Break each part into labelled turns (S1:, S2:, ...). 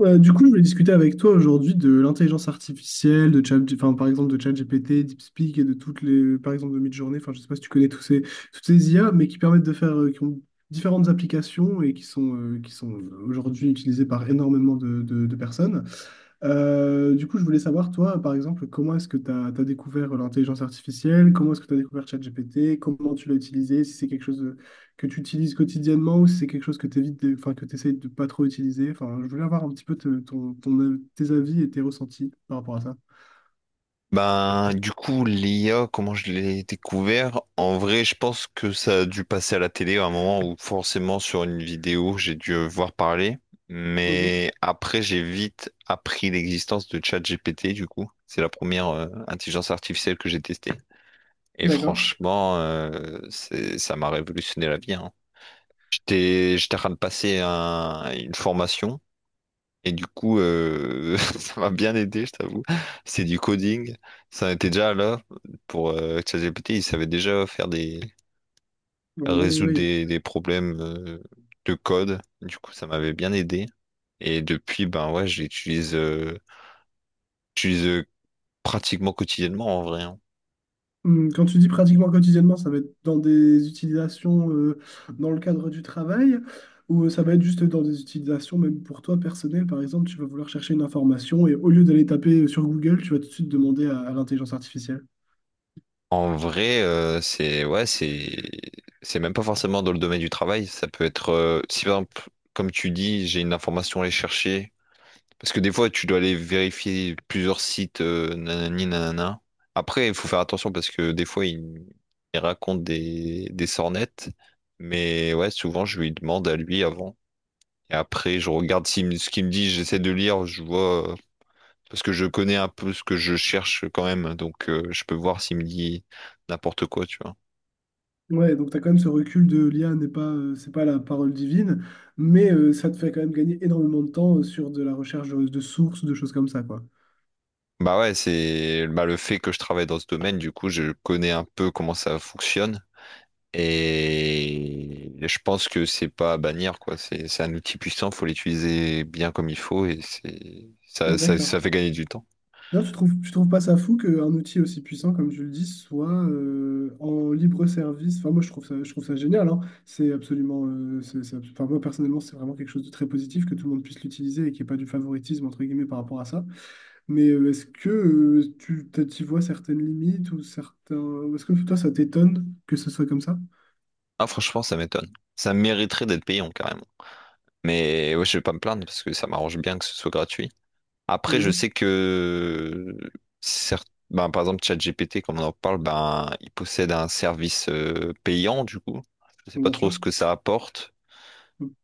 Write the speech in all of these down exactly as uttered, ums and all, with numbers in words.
S1: Euh, du coup, je voulais discuter avec toi aujourd'hui de l'intelligence artificielle, de Chat, enfin, par exemple de ChatGPT, DeepSpeak et de toutes les, par exemple de Midjourney. Enfin, je sais pas si tu connais tous ces, toutes ces I A, mais qui permettent de faire, euh, qui ont différentes applications et qui sont, euh, qui sont aujourd'hui utilisées par énormément de, de- de personnes. Euh, du coup, je voulais savoir, toi, par exemple, comment est-ce que tu as découvert l'intelligence artificielle? Comment est-ce que tu as découvert ChatGPT? Comment tu l'as utilisé? Si c'est quelque chose de- que tu utilises quotidiennement ou si c'est quelque chose que tu évites, de- enfin, que tu essaies de pas trop utiliser. Enfin, je voulais avoir un petit peu te- ton, ton- tes avis et tes ressentis par rapport à ça.
S2: Ben, du coup, l'I A, comment je l'ai découvert? En vrai, je pense que ça a dû passer à la télé à un moment où forcément sur une vidéo, j'ai dû voir parler.
S1: Mhm.
S2: Mais après, j'ai vite appris l'existence de ChatGPT, du coup. C'est la première euh, intelligence artificielle que j'ai testée. Et
S1: D'accord.
S2: franchement, euh, c'est- ça m'a révolutionné la vie, hein. J'étais, j'étais en train de passer un- une formation. Et du coup, euh, ça m'a bien aidé, je t'avoue. C'est du coding. Ça était déjà là pour euh, ChatGPT. Il savait déjà faire des résoudre
S1: Oui.
S2: des, des problèmes euh, de code. Du coup, ça m'avait bien aidé. Et depuis, ben ouais, je l'utilise euh, j'utilise, euh, pratiquement quotidiennement en vrai, hein.
S1: Hum, quand tu dis pratiquement quotidiennement, ça va être dans des utilisations euh, dans le cadre du travail ou euh, ça va être juste dans des utilisations même pour toi personnel. Par exemple, tu vas vouloir chercher une information et au lieu d'aller taper euh, sur Google, tu vas tout de suite demander à, à l'intelligence artificielle.
S2: En vrai, euh, c'est ouais, c'est c'est même pas forcément dans le domaine du travail. Ça peut être euh, si par exemple, comme tu dis, j'ai une information à aller chercher. Parce que des fois, tu dois aller vérifier plusieurs sites, euh, nanani, nanana. Après, il faut faire attention parce que des fois, il, il raconte des, des sornettes. Mais ouais, souvent, je lui demande à lui avant. Et après, je regarde s'il me- ce qu'il me dit, j'essaie de lire, je vois. euh, Parce que je connais un peu ce que je cherche quand même. Donc, euh, je peux voir s'il me dit n'importe quoi, tu vois.
S1: Ouais, donc tu as quand même ce recul de l'I A n'est pas, euh, c'est pas la parole divine, mais euh, ça te fait quand même gagner énormément de temps euh, sur de la recherche de, de sources, de choses comme ça, quoi.
S2: Bah ouais, c'est bah, le fait que je travaille dans ce domaine, du coup, je connais un peu comment ça fonctionne. Et je pense que c'est pas à bannir, quoi. C'est c'est un outil puissant, faut l'utiliser bien comme il faut et c'est ça, ça,
S1: D'accord.
S2: ça fait gagner du temps.
S1: D'ailleurs, tu trouves, tu trouves pas ça fou qu'un outil aussi puissant, comme tu le dis, soit euh, en libre service. Enfin, moi, je trouve ça, je trouve ça génial, hein. C'est absolument, euh, c'est, c'est abs- Enfin, moi, personnellement, c'est vraiment quelque chose de très positif que tout le monde puisse l'utiliser et qu'il n'y ait pas du favoritisme, entre guillemets, par rapport à ça. Mais euh, est-ce que euh, tu t'y vois certaines limites ou certains... Est-ce que toi, ça t'étonne que ce soit comme ça?
S2: Ah, franchement, ça m'étonne. Ça mériterait d'être payant, carrément. Mais ouais, je vais pas me plaindre parce que ça m'arrange bien que ce soit gratuit. Après, je
S1: Mhm.
S2: sais que certes, ben, par exemple, ChatGPT, comme on en parle, ben, il possède un service euh, payant, du coup. Je sais pas
S1: Bien
S2: trop
S1: sûr.
S2: ce que ça apporte.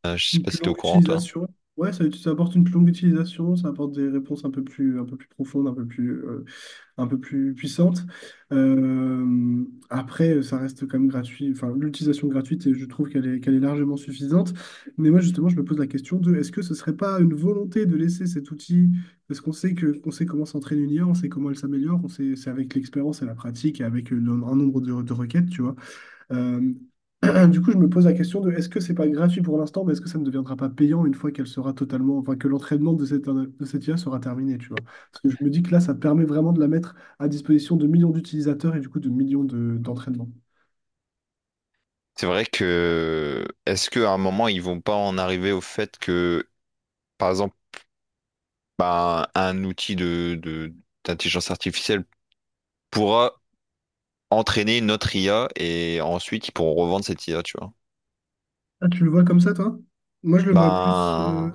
S2: Euh, je sais
S1: Une
S2: pas
S1: plus
S2: si t'es au
S1: longue
S2: courant, toi.
S1: utilisation. Ouais, ça, ça apporte une plus longue utilisation, ça apporte des réponses un peu plus, un peu plus profondes, un peu plus, euh, un peu plus puissante. Euh, Après, ça reste quand même gratuit. Enfin, l'utilisation gratuite, et je trouve qu'elle est, qu'elle est largement suffisante. Mais moi, justement, je me pose la question de est-ce que ce serait pas une volonté de laisser cet outil, parce qu'on sait que, on sait comment s'entraîne une I A, on sait comment elle s'améliore, on sait, c'est avec l'expérience et la pratique et avec le- un nombre de, de requêtes, tu vois. Euh, du coup, je me pose la question de est-ce que c'est pas gratuit pour l'instant, mais est-ce que ça ne deviendra pas payant une fois qu'elle sera totalement, enfin que l'entraînement de cette, de cette I A sera terminé, tu vois? Parce que je me dis que là, ça permet vraiment de la mettre à disposition de millions d'utilisateurs et du coup de millions de, d'entraînements.
S2: C'est vrai que est-ce qu'à un moment ils vont pas en arriver au fait que, par exemple, bah, un outil de, de- d'intelligence artificielle pourra entraîner notre I A et ensuite ils pourront revendre cette I A, tu vois.
S1: Ah, tu le vois comme ça, toi? Moi, je le vois plus. Euh,
S2: Ben,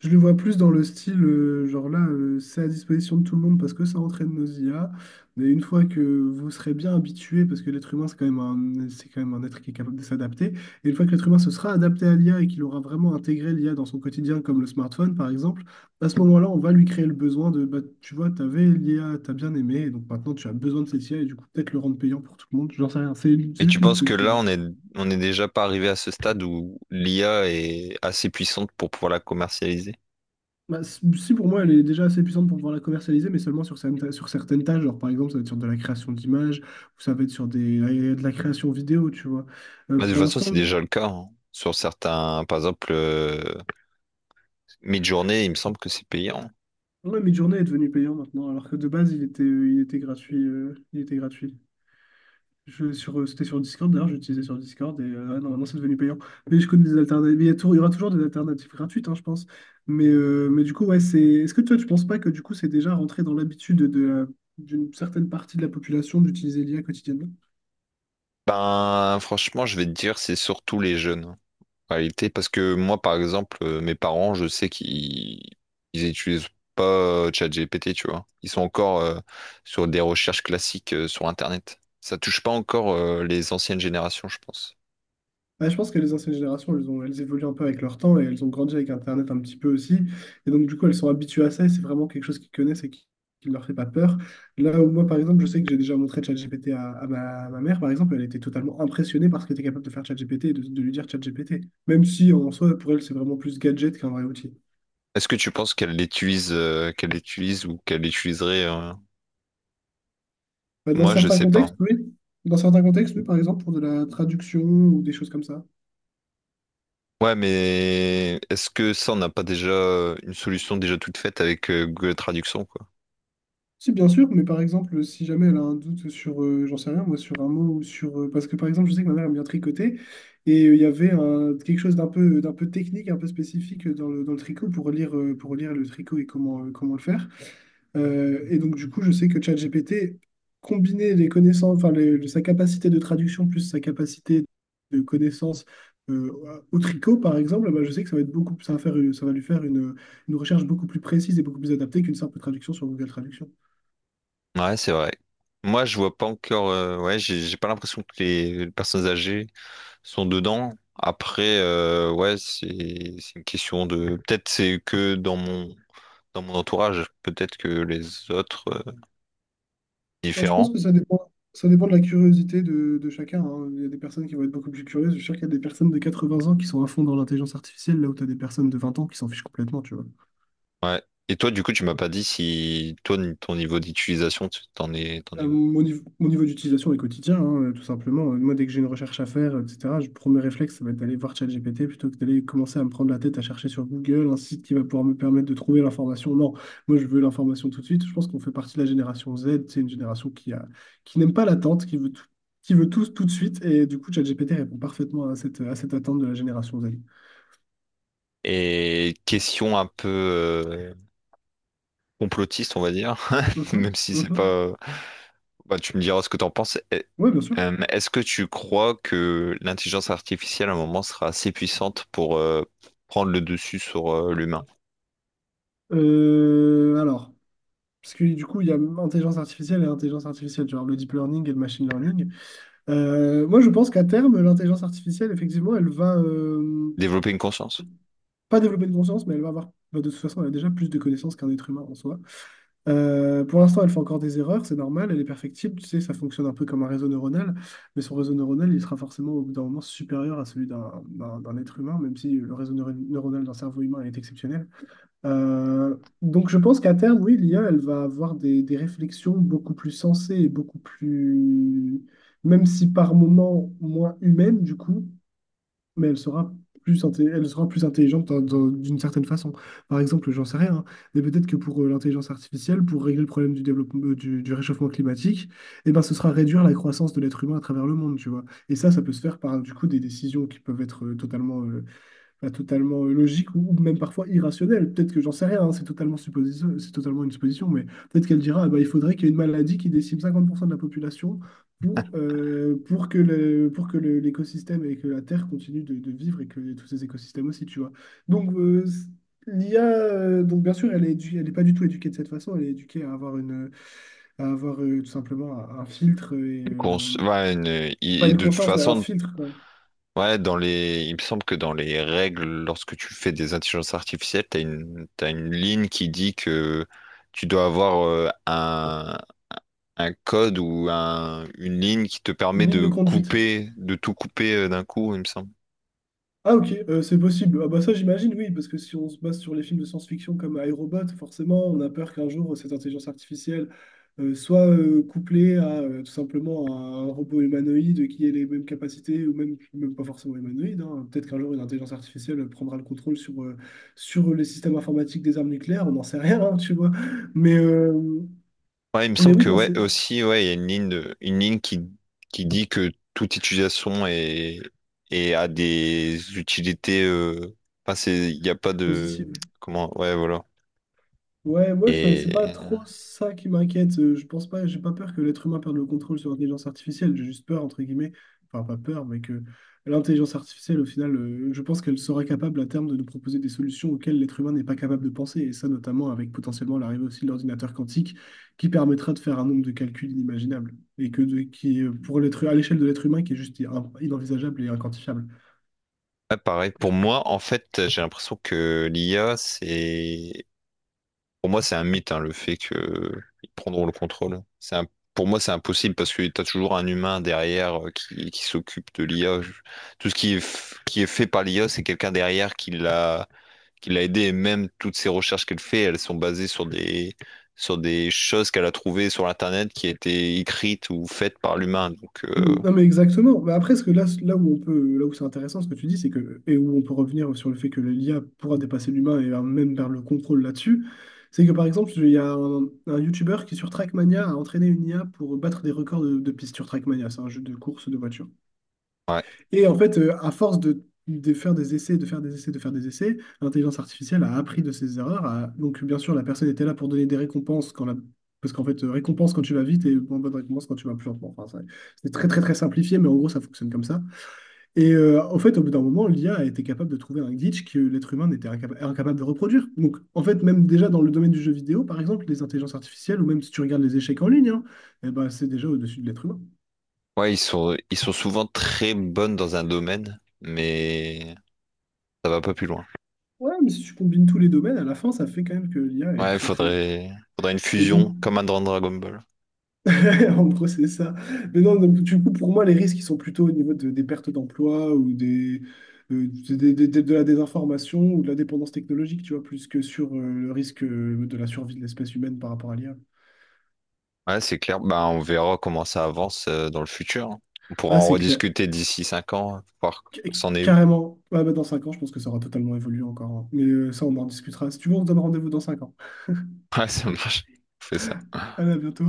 S1: Je le vois plus dans le style, euh, genre là, euh, c'est à disposition de tout le monde parce que ça entraîne nos I A. Mais une fois que vous serez bien habitué, parce que l'être humain, c'est quand même un, c'est quand même un être qui est capable de s'adapter, et une fois que l'être humain se sera adapté à l'I A et qu'il aura vraiment intégré l'I A dans son quotidien, comme le smartphone par exemple, à ce moment-là, on va lui créer le besoin de, bah, tu vois, t'avais l'I A, t'as bien aimé, et donc maintenant tu as besoin de cette I A, et du coup peut-être le rendre payant pour tout le monde, j'en sais rien, c'est c'est
S2: et tu
S1: juste une
S2: penses que
S1: supposition,
S2: là
S1: hein.
S2: on est on est déjà pas arrivé à ce stade où l'I A est assez puissante pour pouvoir la commercialiser?
S1: Bah, c- si pour moi elle est déjà assez puissante pour pouvoir la commercialiser, mais seulement sur, certaines sur certaines tâches, genre par exemple ça va être sur de la création d'images, ou ça va être sur des, de la création vidéo, tu vois. Euh,
S2: Bah, de toute
S1: pour
S2: façon, c'est
S1: l'instant,
S2: déjà le cas, hein. Sur certains, par exemple. euh, Mid-journée, il me semble que c'est payant.
S1: ouais, Midjourney est devenu payant maintenant, alors que de base il était, il était gratuit, euh, il était gratuit. Je, sur, euh, c'était sur Discord, d'ailleurs, j'utilisais sur Discord et euh, ah non, maintenant c'est devenu payant. Mais je connais des alternatives. Il y a tou- il y aura toujours des alternatives gratuites, hein, je pense. Mais, euh, mais du coup, ouais, c'est. Est-ce que toi, tu penses pas que du coup, c'est déjà rentré dans l'habitude de la- d'une certaine partie de la population d'utiliser l'I A quotidiennement?
S2: Ben, franchement, je vais te dire, c'est surtout les jeunes, hein, en réalité, parce que moi, par exemple, euh, mes parents, je sais qu'ils ils utilisent pas euh, ChatGPT, tu vois. Ils sont encore euh, sur des recherches classiques euh, sur Internet. Ça touche pas encore euh, les anciennes générations, je pense.
S1: Ouais, je pense que les anciennes générations, elles ont, elles évoluent un peu avec leur temps et elles ont grandi avec Internet un petit peu aussi. Et donc, du coup, elles sont habituées à ça et c'est vraiment quelque chose qu'ils connaissent et qui qui ne leur fait pas peur. Là où moi, par exemple, je sais que j'ai déjà montré ChatGPT à, à ma, à ma mère, par exemple, elle était totalement impressionnée par ce qu'était capable de faire ChatGPT et de, de lui dire ChatGPT. Même si, en soi, pour elle, c'est vraiment plus gadget qu'un vrai outil.
S2: Est-ce que tu penses qu'elle l'utilise euh, qu'elle l'utilise ou qu'elle l'utiliserait euh,
S1: Bah, dans
S2: moi, je
S1: certains
S2: sais pas.
S1: contextes, oui. Dans certains contextes, oui, par exemple, pour de la traduction ou des choses comme ça.
S2: Ouais, mais est-ce que ça, on n'a pas déjà euh, une solution déjà toute faite avec euh, Google Traduction, quoi?
S1: Si, bien sûr, mais par exemple, si jamais elle a un doute sur, euh, j'en sais rien, moi, sur un mot ou sur. euh, Parce que par exemple, je sais que ma mère aime bien tricoter et euh, il y avait un, quelque chose d'un peu, d'un peu technique, un peu spécifique dans le, dans le tricot pour lire, euh, pour lire le tricot et comment, euh, comment le faire. Euh, et donc, du coup, je sais que ChatGPT, combiner les connaissances, enfin, les- le- sa capacité de traduction plus sa capacité de connaissance euh, au tricot, par exemple, bah, je sais que ça va être beaucoup, ça va faire, une- ça va lui faire une, une recherche beaucoup plus précise et beaucoup plus adaptée qu'une simple traduction sur Google Traduction.
S2: Ouais, c'est vrai. Moi, je vois pas encore. euh, ouais, j'ai j'ai pas l'impression que les personnes âgées sont dedans. Après, euh, ouais, c'est c'est une question de. Peut-être c'est que dans mon dans mon entourage. Peut-être que les autres euh,
S1: Moi, je pense
S2: différents.
S1: que ça dépend, ça dépend de la curiosité de, de chacun, hein. Il y a des personnes qui vont être beaucoup plus curieuses. Je suis sûr qu'il y a des personnes de quatre-vingts ans qui sont à fond dans l'intelligence artificielle, là où tu as des personnes de vingt ans qui s'en fichent complètement, tu vois.
S2: Ouais. Et toi, du coup, tu m'as pas dit si toi, n- ton niveau d'utilisation, tu- t'en es, t'en
S1: Euh,
S2: es où?
S1: mon niveau, mon niveau d'utilisation est quotidien, hein, euh, tout simplement. Euh, Moi, dès que j'ai une recherche à faire, euh, et cetera, je, premier réflexe, ça va être d'aller voir ChatGPT plutôt que d'aller commencer à me prendre la tête à chercher sur Google un site qui va pouvoir me permettre de trouver l'information. Non, moi, je veux l'information tout de suite. Je pense qu'on fait partie de la génération Z. C'est une génération qui a, qui n'aime pas l'attente, qui veut tout, qui veut tout, tout de suite. Et du coup, ChatGPT répond parfaitement à cette, à cette attente de la génération Z.
S2: Et question un peu euh, complotiste, on va dire, même
S1: Mhm,
S2: si c'est
S1: mhm.
S2: pas. Bah, tu me diras ce que t'en penses. Eh,
S1: Oui, bien sûr.
S2: euh, Est-ce que tu crois que l'intelligence artificielle, à un moment, sera assez puissante pour euh, prendre le dessus sur euh, l'humain?
S1: Euh, alors, parce que du coup, il y a intelligence artificielle et intelligence artificielle, genre le deep learning et le machine learning. Euh, moi, je pense qu'à terme, l'intelligence artificielle, effectivement, elle va euh,
S2: Développer une conscience?
S1: pas développer de conscience, mais elle va avoir, bah, de toute façon, elle a déjà plus de connaissances qu'un être humain en soi. Euh, pour l'instant, elle fait encore des erreurs, c'est normal, elle est perfectible, tu sais, ça fonctionne un peu comme un réseau neuronal, mais son réseau neuronal, il sera forcément au bout d'un moment supérieur à celui d'un d'un- d'un être humain, même si le réseau neuro- neuronal d'un cerveau humain est exceptionnel. Euh, donc je pense qu'à terme, oui, l'I A, elle va avoir des, des réflexions beaucoup plus sensées et beaucoup plus, même si par moments moins humaines du coup, mais elle sera plus, inté- elle sera plus intelligente dans- dans- d'une certaine façon. Par exemple, j'en sais rien, hein, mais peut-être que pour euh, l'intelligence artificielle, pour régler le problème du développement, euh, du, du réchauffement climatique, eh ben, ce sera réduire la croissance de l'être humain à travers le monde, tu vois. Et ça, ça peut se faire par du coup des décisions qui peuvent être euh, totalement euh, enfin, totalement euh, logique ou ou même parfois irrationnelle. Peut-être que j'en sais rien, hein, c'est totalement supposition, c'est totalement une supposition, mais peut-être qu'elle dira, ah bah, il faudrait qu'il y ait une maladie qui décime cinquante pour cent de la population pour, euh, pour que le, pour que le- l'écosystème et que la Terre continue de, de vivre et que tous ces écosystèmes aussi, tu vois. Donc, euh, c- l'I A, euh, donc bien sûr, elle est édu- elle n'est pas du tout éduquée de cette façon, elle est éduquée à avoir une, à avoir euh, tout simplement un, un filtre et,
S2: Une cons-
S1: euh,
S2: ouais, une-
S1: pas
S2: et
S1: une
S2: de toute
S1: conscience, mais un
S2: façon,
S1: filtre, quoi.
S2: ouais, dans les... il me semble que dans les règles, lorsque tu fais des intelligences artificielles, t'as une... t'as une ligne qui dit que tu dois avoir euh, un... un code ou un... une ligne qui te
S1: Une
S2: permet
S1: ligne de
S2: de
S1: conduite.
S2: couper, de tout couper euh, d'un coup, il me semble.
S1: Ah ok, euh, c'est possible. Ah bah ça j'imagine, oui, parce que si on se base sur les films de science-fiction comme iRobot, forcément, on a peur qu'un jour euh, cette intelligence artificielle euh, soit euh, couplée à euh, tout simplement à un robot humanoïde qui ait les mêmes capacités, ou même, même pas forcément humanoïde, hein. Peut-être qu'un jour une intelligence artificielle prendra le contrôle sur, euh, sur les systèmes informatiques des armes nucléaires, on n'en sait rien, hein, tu vois. Mais, euh,
S2: Ouais, il me
S1: mais
S2: semble
S1: oui,
S2: que
S1: dans
S2: ouais,
S1: c'est
S2: aussi, ouais, il y a une ligne de... une ligne qui... qui dit que toute utilisation est, est à des utilités. euh, Enfin, c'est... il n'y a pas
S1: positif.
S2: de. Comment? Ouais, voilà.
S1: Ouais, moi, je-
S2: Et.
S1: c'est pas trop ça qui m'inquiète. Euh, Je pense pas, j'ai pas peur que l'être humain perde le contrôle sur l'intelligence artificielle. J'ai juste peur, entre guillemets, enfin, pas peur, mais que l'intelligence artificielle, au final, euh, je pense qu'elle sera capable à terme de nous proposer des solutions auxquelles l'être humain n'est pas capable de penser. Et ça, notamment avec potentiellement l'arrivée aussi de l'ordinateur quantique, qui permettra de faire un nombre de calculs inimaginables. Et que de- qui, est, pour l'être, à l'échelle de l'être humain, qui est juste in- inenvisageable et inquantifiable.
S2: Ouais, pareil, pour moi, en fait, j'ai l'impression que l'I A, c'est... Pour moi, c'est un mythe, hein, le fait qu'ils prendront le contrôle. C'est un- pour moi, c'est impossible parce que tu as toujours un humain derrière euh, qui, qui s'occupe de l'I A. Je- Tout ce qui est, f- qui est fait par l'I A, c'est quelqu'un derrière qui l'a qui l'a aidé. Et même toutes ces recherches qu'elle fait, elles sont basées sur des, sur des choses qu'elle a trouvées sur Internet qui étaient écrites ou faites par l'humain. Donc, euh,
S1: Non mais exactement. Mais après, ce que là, là où on peut, là où c'est intéressant, ce que tu dis, c'est que et où on peut revenir sur le fait que l'I A pourra dépasser l'humain et euh, même vers le contrôle là-dessus, c'est que par exemple, il y a un, un YouTuber qui sur Trackmania a entraîné une I A pour battre des records de, de pistes sur Trackmania, c'est un jeu de course de voiture.
S2: ouais.
S1: Et en fait, euh, à force de, de faire des essais, de faire des essais, de faire des essais, l'intelligence artificielle a appris de ses erreurs. a- Donc, bien sûr, la personne était là pour donner des récompenses quand la... Parce qu'en fait, euh, récompense quand tu vas vite et bonne bonne récompense quand tu vas plus lentement. Enfin, ça- c'est très, très, très simplifié, mais en gros, ça fonctionne comme ça. Et euh, en fait, au bout d'un moment, l'IA a a été capable de trouver un glitch que l'être humain n'était incapa- incapable de reproduire. Donc, en fait, même déjà dans le domaine du jeu vidéo, par exemple, les intelligences artificielles, ou même si tu regardes les échecs en ligne, hein, eh ben, c'est déjà au-dessus de l'être humain.
S2: Ouais, ils sont, ils sont souvent très bonnes dans un domaine, mais ça va pas plus loin.
S1: Ouais, mais si tu combines tous les domaines, à la fin, ça fait quand même que l'I A est
S2: Ouais, il
S1: très très...
S2: faudrait, faudrait une
S1: Et donc,
S2: fusion, comme un dans Dragon Ball.
S1: en gros, c'est ça. Mais non, donc, du coup, pour moi, les risques, ils sont plutôt au niveau de- des pertes d'emploi ou des, euh, des- des- des- de la désinformation ou de la dépendance technologique, tu vois, plus que sur euh, le risque euh, de la survie de l'espèce humaine par rapport à l'I A.
S2: Ouais, c'est clair. Bah, on verra comment ça avance euh, dans le futur, hein. On pourra
S1: Ah,
S2: en
S1: c'est clair.
S2: rediscuter d'ici cinq ans, voir
S1: Ca-
S2: s'en est où.
S1: Carrément. Ah, bah, dans cinq ans, je pense que ça aura totalement évolué encore, hein. Mais euh, ça, on en discutera. Si tu veux, on se donne rendez-vous dans cinq ans.
S2: Ouais, ça marche. On fait ça.
S1: Allez, à bientôt.